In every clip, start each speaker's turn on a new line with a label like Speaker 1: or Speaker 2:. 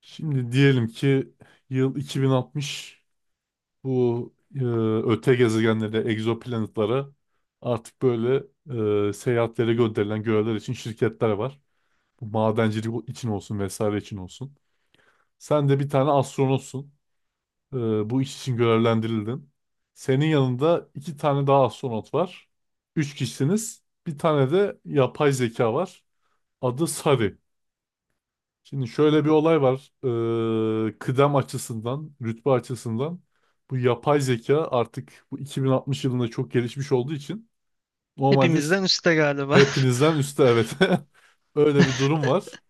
Speaker 1: Şimdi diyelim ki yıl 2060. Bu öte gezegenlere, egzoplanetlara artık böyle seyahatlere gönderilen görevler için şirketler var. Bu madencilik için olsun vesaire için olsun. Sen de bir tane astronotsun. E, bu iş için görevlendirildin. Senin yanında iki tane daha astronot var. Üç kişisiniz. Bir tane de yapay zeka var. Adı Sari. Şimdi
Speaker 2: Hı.
Speaker 1: şöyle bir olay var. Kıdem açısından, rütbe açısından bu yapay zeka artık bu 2060 yılında çok gelişmiş olduğu için normalde
Speaker 2: Hepimizden üstte galiba.
Speaker 1: hepinizden üstte, evet. Öyle bir durum var.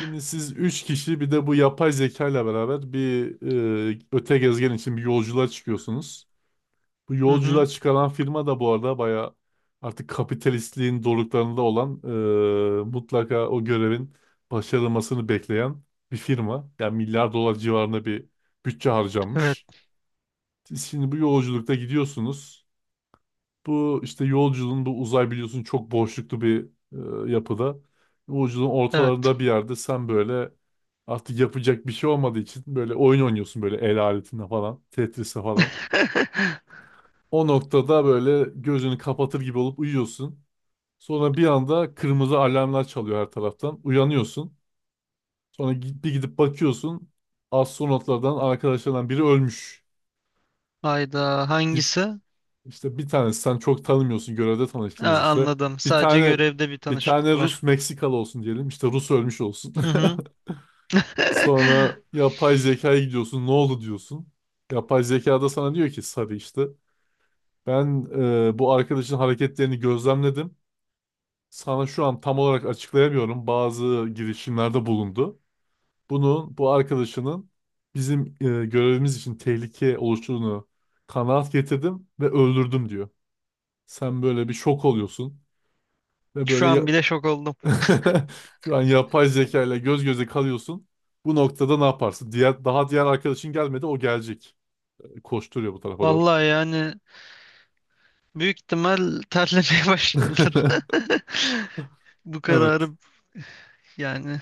Speaker 1: Şimdi siz 3 kişi bir de bu yapay zeka ile beraber bir öte gezegen için bir yolculuğa çıkıyorsunuz. Bu
Speaker 2: Hı
Speaker 1: yolculuğa
Speaker 2: hı.
Speaker 1: çıkaran firma da bu arada bayağı artık kapitalistliğin doruklarında olan, mutlaka o görevin başarılmasını bekleyen bir firma. Yani milyar dolar civarında bir bütçe
Speaker 2: Evet,
Speaker 1: harcanmış. Siz şimdi bu yolculukta gidiyorsunuz. Bu işte yolculuğun, bu uzay biliyorsun, çok boşluklu bir yapıda. Yolculuğun
Speaker 2: evet.
Speaker 1: ortalarında bir yerde sen böyle artık yapacak bir şey olmadığı için böyle oyun oynuyorsun, böyle el aletinde falan, Tetris'e falan. O noktada böyle gözünü kapatır gibi olup uyuyorsun. Sonra bir anda kırmızı alarmlar çalıyor her taraftan. Uyanıyorsun. Sonra bir gidip bakıyorsun. Astronotlardan, arkadaşlardan biri ölmüş.
Speaker 2: Hayda,
Speaker 1: Git
Speaker 2: hangisi?
Speaker 1: işte, bir tanesi, sen çok tanımıyorsun, görevde tanıştınız
Speaker 2: Aa,
Speaker 1: işte.
Speaker 2: anladım.
Speaker 1: Bir
Speaker 2: Sadece
Speaker 1: tane
Speaker 2: görevde bir
Speaker 1: bir tane
Speaker 2: tanışıklık
Speaker 1: Rus
Speaker 2: var.
Speaker 1: Meksikalı olsun diyelim. İşte Rus ölmüş olsun.
Speaker 2: Hı hı.
Speaker 1: Sonra yapay zekaya gidiyorsun. Ne oldu diyorsun. Yapay zekada sana diyor ki Sarı işte. Ben bu arkadaşın hareketlerini gözlemledim. Sana şu an tam olarak açıklayamıyorum. Bazı girişimlerde bulundu. Bunun, bu arkadaşının bizim görevimiz için tehlike oluştuğunu kanaat getirdim ve öldürdüm diyor. Sen böyle bir şok oluyorsun ve
Speaker 2: Şu
Speaker 1: böyle
Speaker 2: an bile şok oldum.
Speaker 1: şu an yapay zeka ile göz göze kalıyorsun. Bu noktada ne yaparsın? Diğer arkadaşın gelmedi, o gelecek. Koşturuyor bu tarafa doğru.
Speaker 2: Vallahi, yani büyük ihtimal terlemeye başladılar. Bu
Speaker 1: Evet.
Speaker 2: kararı, yani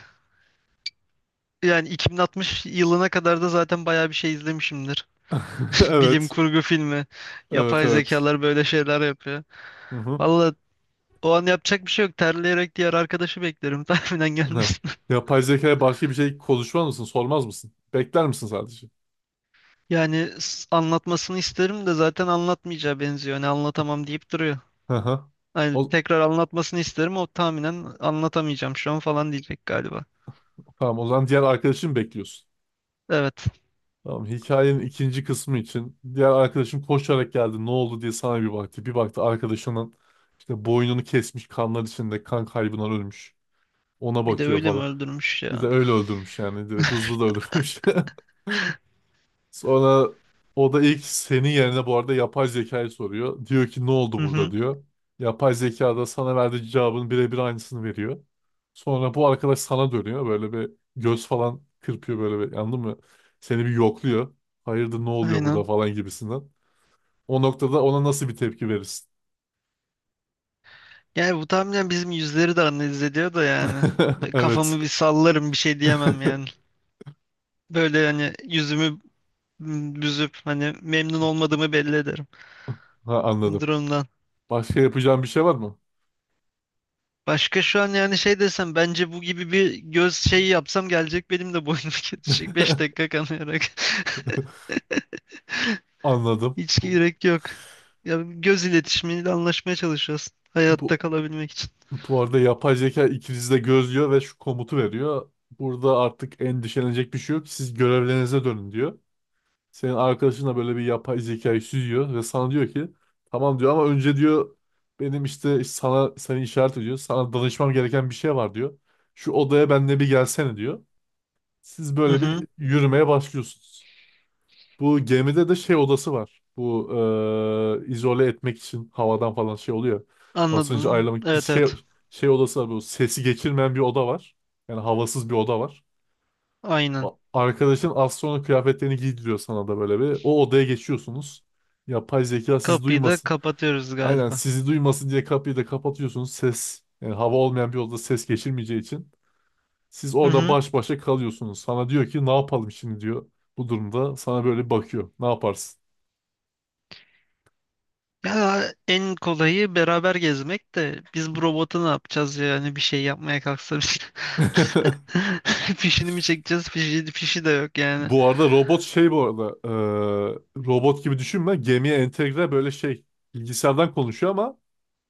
Speaker 2: yani 2060 yılına kadar da zaten bayağı bir şey izlemişimdir. Bilim
Speaker 1: Evet.
Speaker 2: kurgu filmi.
Speaker 1: Evet,
Speaker 2: Yapay
Speaker 1: evet.
Speaker 2: zekalar böyle şeyler yapıyor.
Speaker 1: Hı hı.
Speaker 2: Vallahi, o an yapacak bir şey yok. Terleyerek diğer arkadaşı beklerim tahminen
Speaker 1: Heh.
Speaker 2: gelmesin.
Speaker 1: Yapay zekaya başka bir şey konuşmaz mısın? Sormaz mısın? Bekler misin sadece?
Speaker 2: Yani anlatmasını isterim de zaten anlatmayacağı benziyor. Hani anlatamam deyip duruyor.
Speaker 1: Hı hı.
Speaker 2: Hani
Speaker 1: O,
Speaker 2: tekrar anlatmasını isterim, o tahminen anlatamayacağım şu an falan diyecek galiba.
Speaker 1: tamam, o zaman diğer arkadaşını bekliyorsun.
Speaker 2: Evet.
Speaker 1: Tamam, hikayenin ikinci kısmı için: diğer arkadaşın koşarak geldi, ne oldu diye sana bir baktı. Bir baktı, arkadaşının işte boynunu kesmiş, kanlar içinde, kan kaybından ölmüş. Ona
Speaker 2: Bir de
Speaker 1: bakıyor
Speaker 2: öyle mi
Speaker 1: falan.
Speaker 2: öldürmüş
Speaker 1: Bir
Speaker 2: ya?
Speaker 1: de öyle öldürmüş yani, direkt hızlı da öldürmüş. Sonra o da ilk, senin yerine, bu arada yapay zekayı soruyor. Diyor ki ne oldu
Speaker 2: Hı
Speaker 1: burada
Speaker 2: hı.
Speaker 1: diyor. Yapay zeka da sana verdiği cevabın birebir aynısını veriyor. Sonra bu arkadaş sana dönüyor. Böyle bir göz falan kırpıyor, böyle bir anladın mı? Seni bir yokluyor. Hayırdır, ne oluyor burada
Speaker 2: Aynen.
Speaker 1: falan gibisinden. O noktada ona nasıl bir tepki verirsin?
Speaker 2: Yani bu tahminen bizim yüzleri de analiz ediyor da yani.
Speaker 1: Evet.
Speaker 2: Kafamı bir sallarım, bir şey diyemem yani. Böyle hani yüzümü büzüp, hani memnun olmadığımı belli ederim
Speaker 1: Ha, anladım.
Speaker 2: durumdan.
Speaker 1: Başka yapacağım bir şey var mı?
Speaker 2: Başka şu an yani, şey desem, bence bu gibi bir göz şeyi yapsam gelecek benim de boynum kesecek 5 dakika kanayarak.
Speaker 1: Anladım.
Speaker 2: Hiç gerek yok. Ya göz iletişimiyle anlaşmaya çalışıyoruz. Hayatta
Speaker 1: Bu
Speaker 2: kalabilmek için.
Speaker 1: Bu arada yapay zeka ikinizi de gözlüyor ve şu komutu veriyor. Burada artık endişelenecek bir şey yok. Siz görevlerinize dönün diyor. Senin arkadaşın da böyle bir yapay zekayı süzüyor ve sana diyor ki tamam diyor, ama önce diyor, benim işte, sana seni işaret ediyor, sana danışmam gereken bir şey var diyor. Şu odaya benimle bir gelsene diyor. Siz
Speaker 2: Hı
Speaker 1: böyle
Speaker 2: hı,
Speaker 1: bir yürümeye başlıyorsunuz. Bu gemide de şey odası var. Bu izole etmek için havadan falan şey oluyor. Basıncı
Speaker 2: anladım.
Speaker 1: ayarlamak, bir
Speaker 2: Evet, evet.
Speaker 1: şey, şey odası var. Bu sesi geçirmeyen bir oda var. Yani havasız bir oda var.
Speaker 2: Aynen.
Speaker 1: Arkadaşın az sonra kıyafetlerini giydiriyor sana da böyle bir. O odaya geçiyorsunuz. Yapay zeka sizi
Speaker 2: Kapıyı da
Speaker 1: duymasın.
Speaker 2: kapatıyoruz
Speaker 1: Aynen,
Speaker 2: galiba.
Speaker 1: sizi duymasın diye kapıyı da kapatıyorsunuz. Ses, yani hava olmayan bir odada ses geçirmeyeceği için. Siz
Speaker 2: Hı
Speaker 1: orada
Speaker 2: hı.
Speaker 1: baş başa kalıyorsunuz. Sana diyor ki ne yapalım şimdi diyor. Bu durumda sana böyle bakıyor. Ne yaparsın?
Speaker 2: Ya en kolayı beraber gezmek de biz bu robotu ne yapacağız ya? Yani bir şey yapmaya kalksa biz. Fişini mi çekeceğiz? Fişi de yok yani.
Speaker 1: Bu arada robot, şey, bu arada robot gibi düşünme, gemiye entegre böyle şey bilgisayardan konuşuyor ama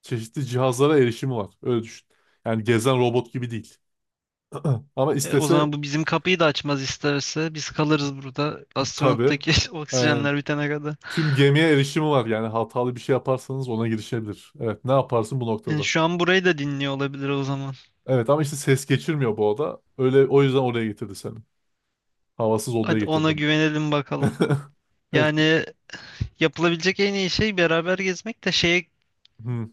Speaker 1: çeşitli cihazlara erişimi var, öyle düşün. Yani gezen robot gibi değil. Ama
Speaker 2: O
Speaker 1: istese,
Speaker 2: zaman bu bizim kapıyı da açmaz isterse. Biz kalırız burada.
Speaker 1: tabii,
Speaker 2: Astronottaki
Speaker 1: aynen,
Speaker 2: oksijenler bitene kadar.
Speaker 1: tüm gemiye erişimi var, yani hatalı bir şey yaparsanız ona girişebilir. Evet, ne yaparsın bu
Speaker 2: Yani
Speaker 1: noktada?
Speaker 2: şu an burayı da dinliyor olabilir o zaman.
Speaker 1: Evet, ama işte ses geçirmiyor bu oda, öyle, o yüzden oraya getirdi seni. Havasız odaya
Speaker 2: Hadi ona
Speaker 1: getirdi.
Speaker 2: güvenelim bakalım.
Speaker 1: Evet,
Speaker 2: Yani yapılabilecek en iyi şey beraber gezmek de, şeye
Speaker 1: hı,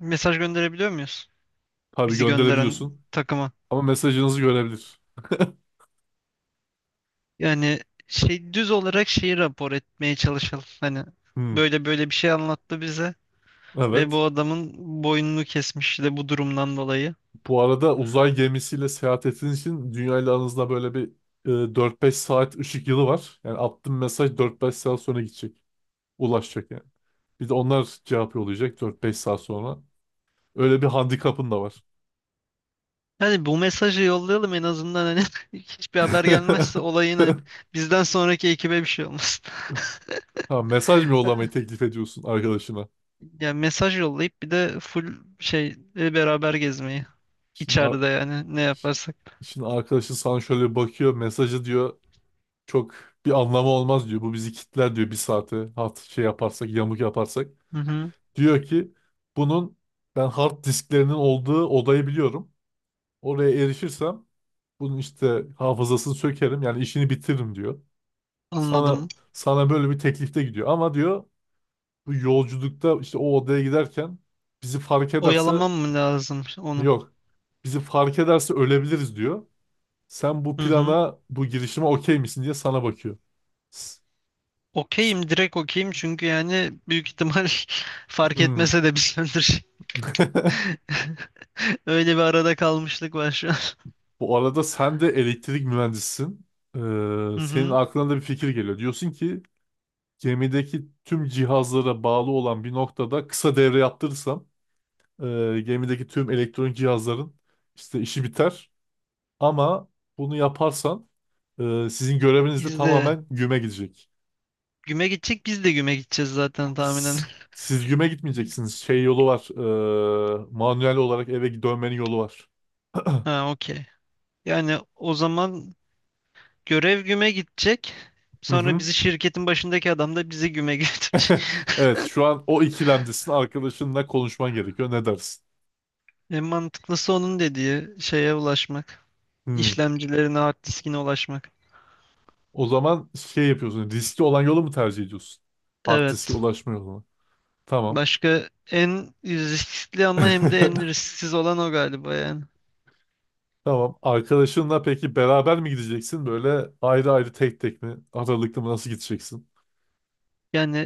Speaker 2: mesaj gönderebiliyor muyuz?
Speaker 1: tabii
Speaker 2: Bizi gönderen
Speaker 1: gönderebiliyorsun
Speaker 2: takıma.
Speaker 1: ama mesajınızı görebilir.
Speaker 2: Yani şey, düz olarak şeyi rapor etmeye çalışalım. Hani
Speaker 1: Hmm,
Speaker 2: böyle böyle bir şey anlattı bize ve
Speaker 1: evet.
Speaker 2: bu adamın boynunu kesmiş de bu durumdan dolayı.
Speaker 1: Bu arada uzay gemisiyle seyahat ettiğiniz için dünya ile aranızda böyle bir e, 4-5 saat ışık yılı var. Yani attığın mesaj 4-5 saat sonra gidecek. Ulaşacak yani. Bir de onlar cevap yollayacak 4-5 saat sonra. Öyle bir handikapın da var.
Speaker 2: Hani bu mesajı yollayalım en azından, hani hiçbir haber gelmezse olayın, hani bizden sonraki ekibe bir şey olmasın.
Speaker 1: Ha, mesaj mı yollamayı teklif ediyorsun arkadaşına?
Speaker 2: Yani mesaj yollayıp bir de full şey, beraber gezmeyi.
Speaker 1: Şimdi, ar-
Speaker 2: İçeride yani, ne yaparsak.
Speaker 1: şimdi arkadaşın sana şöyle bir bakıyor. Mesajı diyor çok bir anlamı olmaz diyor. Bu bizi kitler diyor bir saate. Hat, şey yaparsak, yamuk yaparsak.
Speaker 2: Hı hı,
Speaker 1: Diyor ki bunun, ben hard disklerinin olduğu odayı biliyorum. Oraya erişirsem bunun işte hafızasını sökerim, yani işini bitiririm diyor. Sana
Speaker 2: anladım.
Speaker 1: sana böyle bir teklifte gidiyor, ama diyor bu yolculukta işte o odaya giderken bizi fark ederse,
Speaker 2: Oyalamam mı lazım onu?
Speaker 1: yok, bizi fark ederse ölebiliriz diyor. Sen bu
Speaker 2: Hı hı.
Speaker 1: plana, bu girişime okey misin diye sana bakıyor. S- s-
Speaker 2: Okeyim, direkt okeyim, çünkü yani büyük ihtimal fark
Speaker 1: Hmm.
Speaker 2: etmese de biz öldür. Öyle bir arada kalmışlık var şu an.
Speaker 1: Bu arada sen de elektrik mühendisisin. Ee,
Speaker 2: Hı
Speaker 1: senin
Speaker 2: hı.
Speaker 1: aklına da bir fikir geliyor. Diyorsun ki gemideki tüm cihazlara bağlı olan bir noktada kısa devre yaptırırsam gemideki tüm elektronik cihazların işte işi biter. Ama bunu yaparsan sizin göreviniz de
Speaker 2: Biz de
Speaker 1: tamamen güme gidecek.
Speaker 2: biz de güme gideceğiz zaten tahminen.
Speaker 1: S- Siz güme gitmeyeceksiniz. Şey yolu var. Manuel olarak eve dönmenin yolu var.
Speaker 2: Ha, okey. Yani o zaman görev güme gidecek.
Speaker 1: Hı
Speaker 2: Sonra
Speaker 1: hı.
Speaker 2: bizi şirketin başındaki adam da bizi güme götürecek.
Speaker 1: Evet, şu an o ikilemdesin. Arkadaşınla konuşman gerekiyor. Ne dersin?
Speaker 2: En mantıklısı onun dediği şeye ulaşmak.
Speaker 1: Hmm.
Speaker 2: İşlemcilerine, hard diskine ulaşmak.
Speaker 1: O zaman şey yapıyorsun. Riskli olan yolu mu tercih ediyorsun? Hard diske
Speaker 2: Evet.
Speaker 1: ulaşma yolunu. Tamam.
Speaker 2: Başka en riskli ama hem de en risksiz olan o galiba yani.
Speaker 1: Tamam. Arkadaşınla peki beraber mi gideceksin? Böyle ayrı ayrı, tek tek mi? Aralıklı mı? Nasıl gideceksin?
Speaker 2: Yani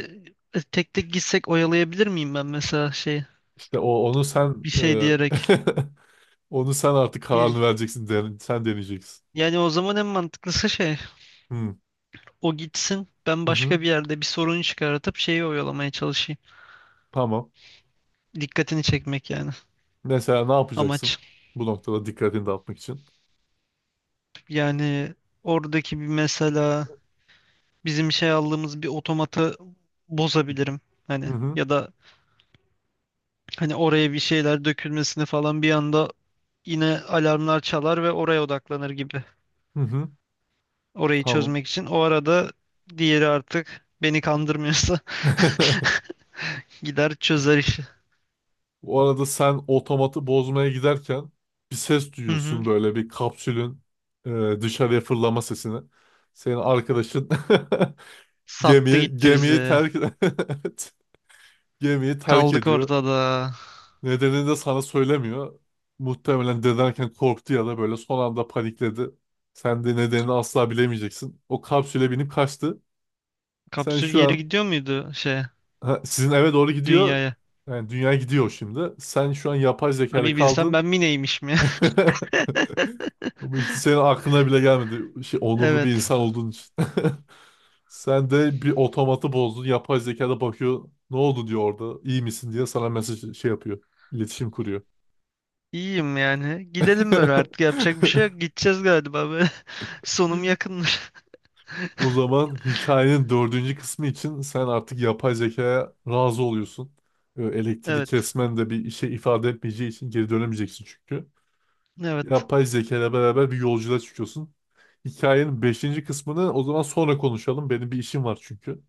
Speaker 2: tek tek gitsek oyalayabilir miyim ben mesela, şey,
Speaker 1: İşte o onu sen
Speaker 2: bir şey diyerek.
Speaker 1: onu sen artık kararını
Speaker 2: Bir,
Speaker 1: vereceksin. Sen deneyeceksin.
Speaker 2: yani o zaman en mantıklısı şey:
Speaker 1: Hı,
Speaker 2: o gitsin. Ben
Speaker 1: hı hı.
Speaker 2: başka bir yerde bir sorun çıkartıp şeyi oyalamaya çalışayım.
Speaker 1: Tamam.
Speaker 2: Dikkatini çekmek yani
Speaker 1: Mesela ne yapacaksın?
Speaker 2: amaç.
Speaker 1: Bu noktada dikkatini dağıtmak için.
Speaker 2: Yani oradaki bir, mesela bizim şey aldığımız bir otomatı bozabilirim.
Speaker 1: Hı
Speaker 2: Hani,
Speaker 1: hı.
Speaker 2: ya da hani oraya bir şeyler dökülmesini falan bir anda, yine alarmlar çalar ve oraya odaklanır gibi.
Speaker 1: Hı hı.
Speaker 2: Orayı
Speaker 1: Tamam.
Speaker 2: çözmek için. O arada diğeri artık beni kandırmıyorsa gider çözer işi.
Speaker 1: O arada sen otomatı bozmaya giderken bir ses
Speaker 2: Hı hı.
Speaker 1: duyuyorsun, böyle bir kapsülün dışarıya fırlama sesini. Senin arkadaşın
Speaker 2: Sattı
Speaker 1: Gemiyi,
Speaker 2: gitti
Speaker 1: gemiyi
Speaker 2: bizi.
Speaker 1: terk Evet. Gemiyi terk
Speaker 2: Kaldık
Speaker 1: ediyor.
Speaker 2: ortada.
Speaker 1: Nedenini de sana söylemiyor. Muhtemelen dedenken korktu ya da böyle son anda panikledi. Sen de nedenini asla bilemeyeceksin. O kapsüle binip kaçtı. Sen
Speaker 2: Kapsül
Speaker 1: şu
Speaker 2: geri
Speaker 1: an
Speaker 2: gidiyor muydu şeye,
Speaker 1: ha, sizin eve doğru gidiyor.
Speaker 2: dünyaya?
Speaker 1: Yani dünya gidiyor şimdi. Sen şu an yapay zekayla
Speaker 2: Abi, bilsem
Speaker 1: kaldın.
Speaker 2: ben mi neymişim ya.
Speaker 1: Ama işte senin aklına bile gelmedi. Şey, onurlu bir
Speaker 2: Evet.
Speaker 1: insan olduğun için. Sen de bir otomatı bozdun. Yapay zeka da bakıyor. Ne oldu diyor orada. İyi misin diye sana mesaj şey yapıyor. İletişim kuruyor.
Speaker 2: İyiyim yani. Gidelim böyle, artık yapacak bir şey yok. Gideceğiz galiba böyle. Sonum yakınmış.
Speaker 1: O zaman hikayenin dördüncü kısmı için sen artık yapay zekaya razı oluyorsun. Elektrik
Speaker 2: Evet.
Speaker 1: kesmen de bir işe ifade etmeyeceği için geri dönemeyeceksin çünkü.
Speaker 2: Evet.
Speaker 1: Yapay zeka ile beraber bir yolculuğa çıkıyorsun. Hikayenin beşinci kısmını o zaman sonra konuşalım. Benim bir işim var çünkü.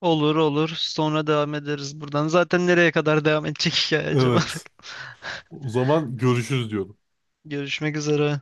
Speaker 2: Olur olur. Sonra devam ederiz buradan. Zaten nereye kadar devam edecek hikaye acaba?
Speaker 1: Evet. O zaman görüşürüz diyorum.
Speaker 2: Görüşmek üzere.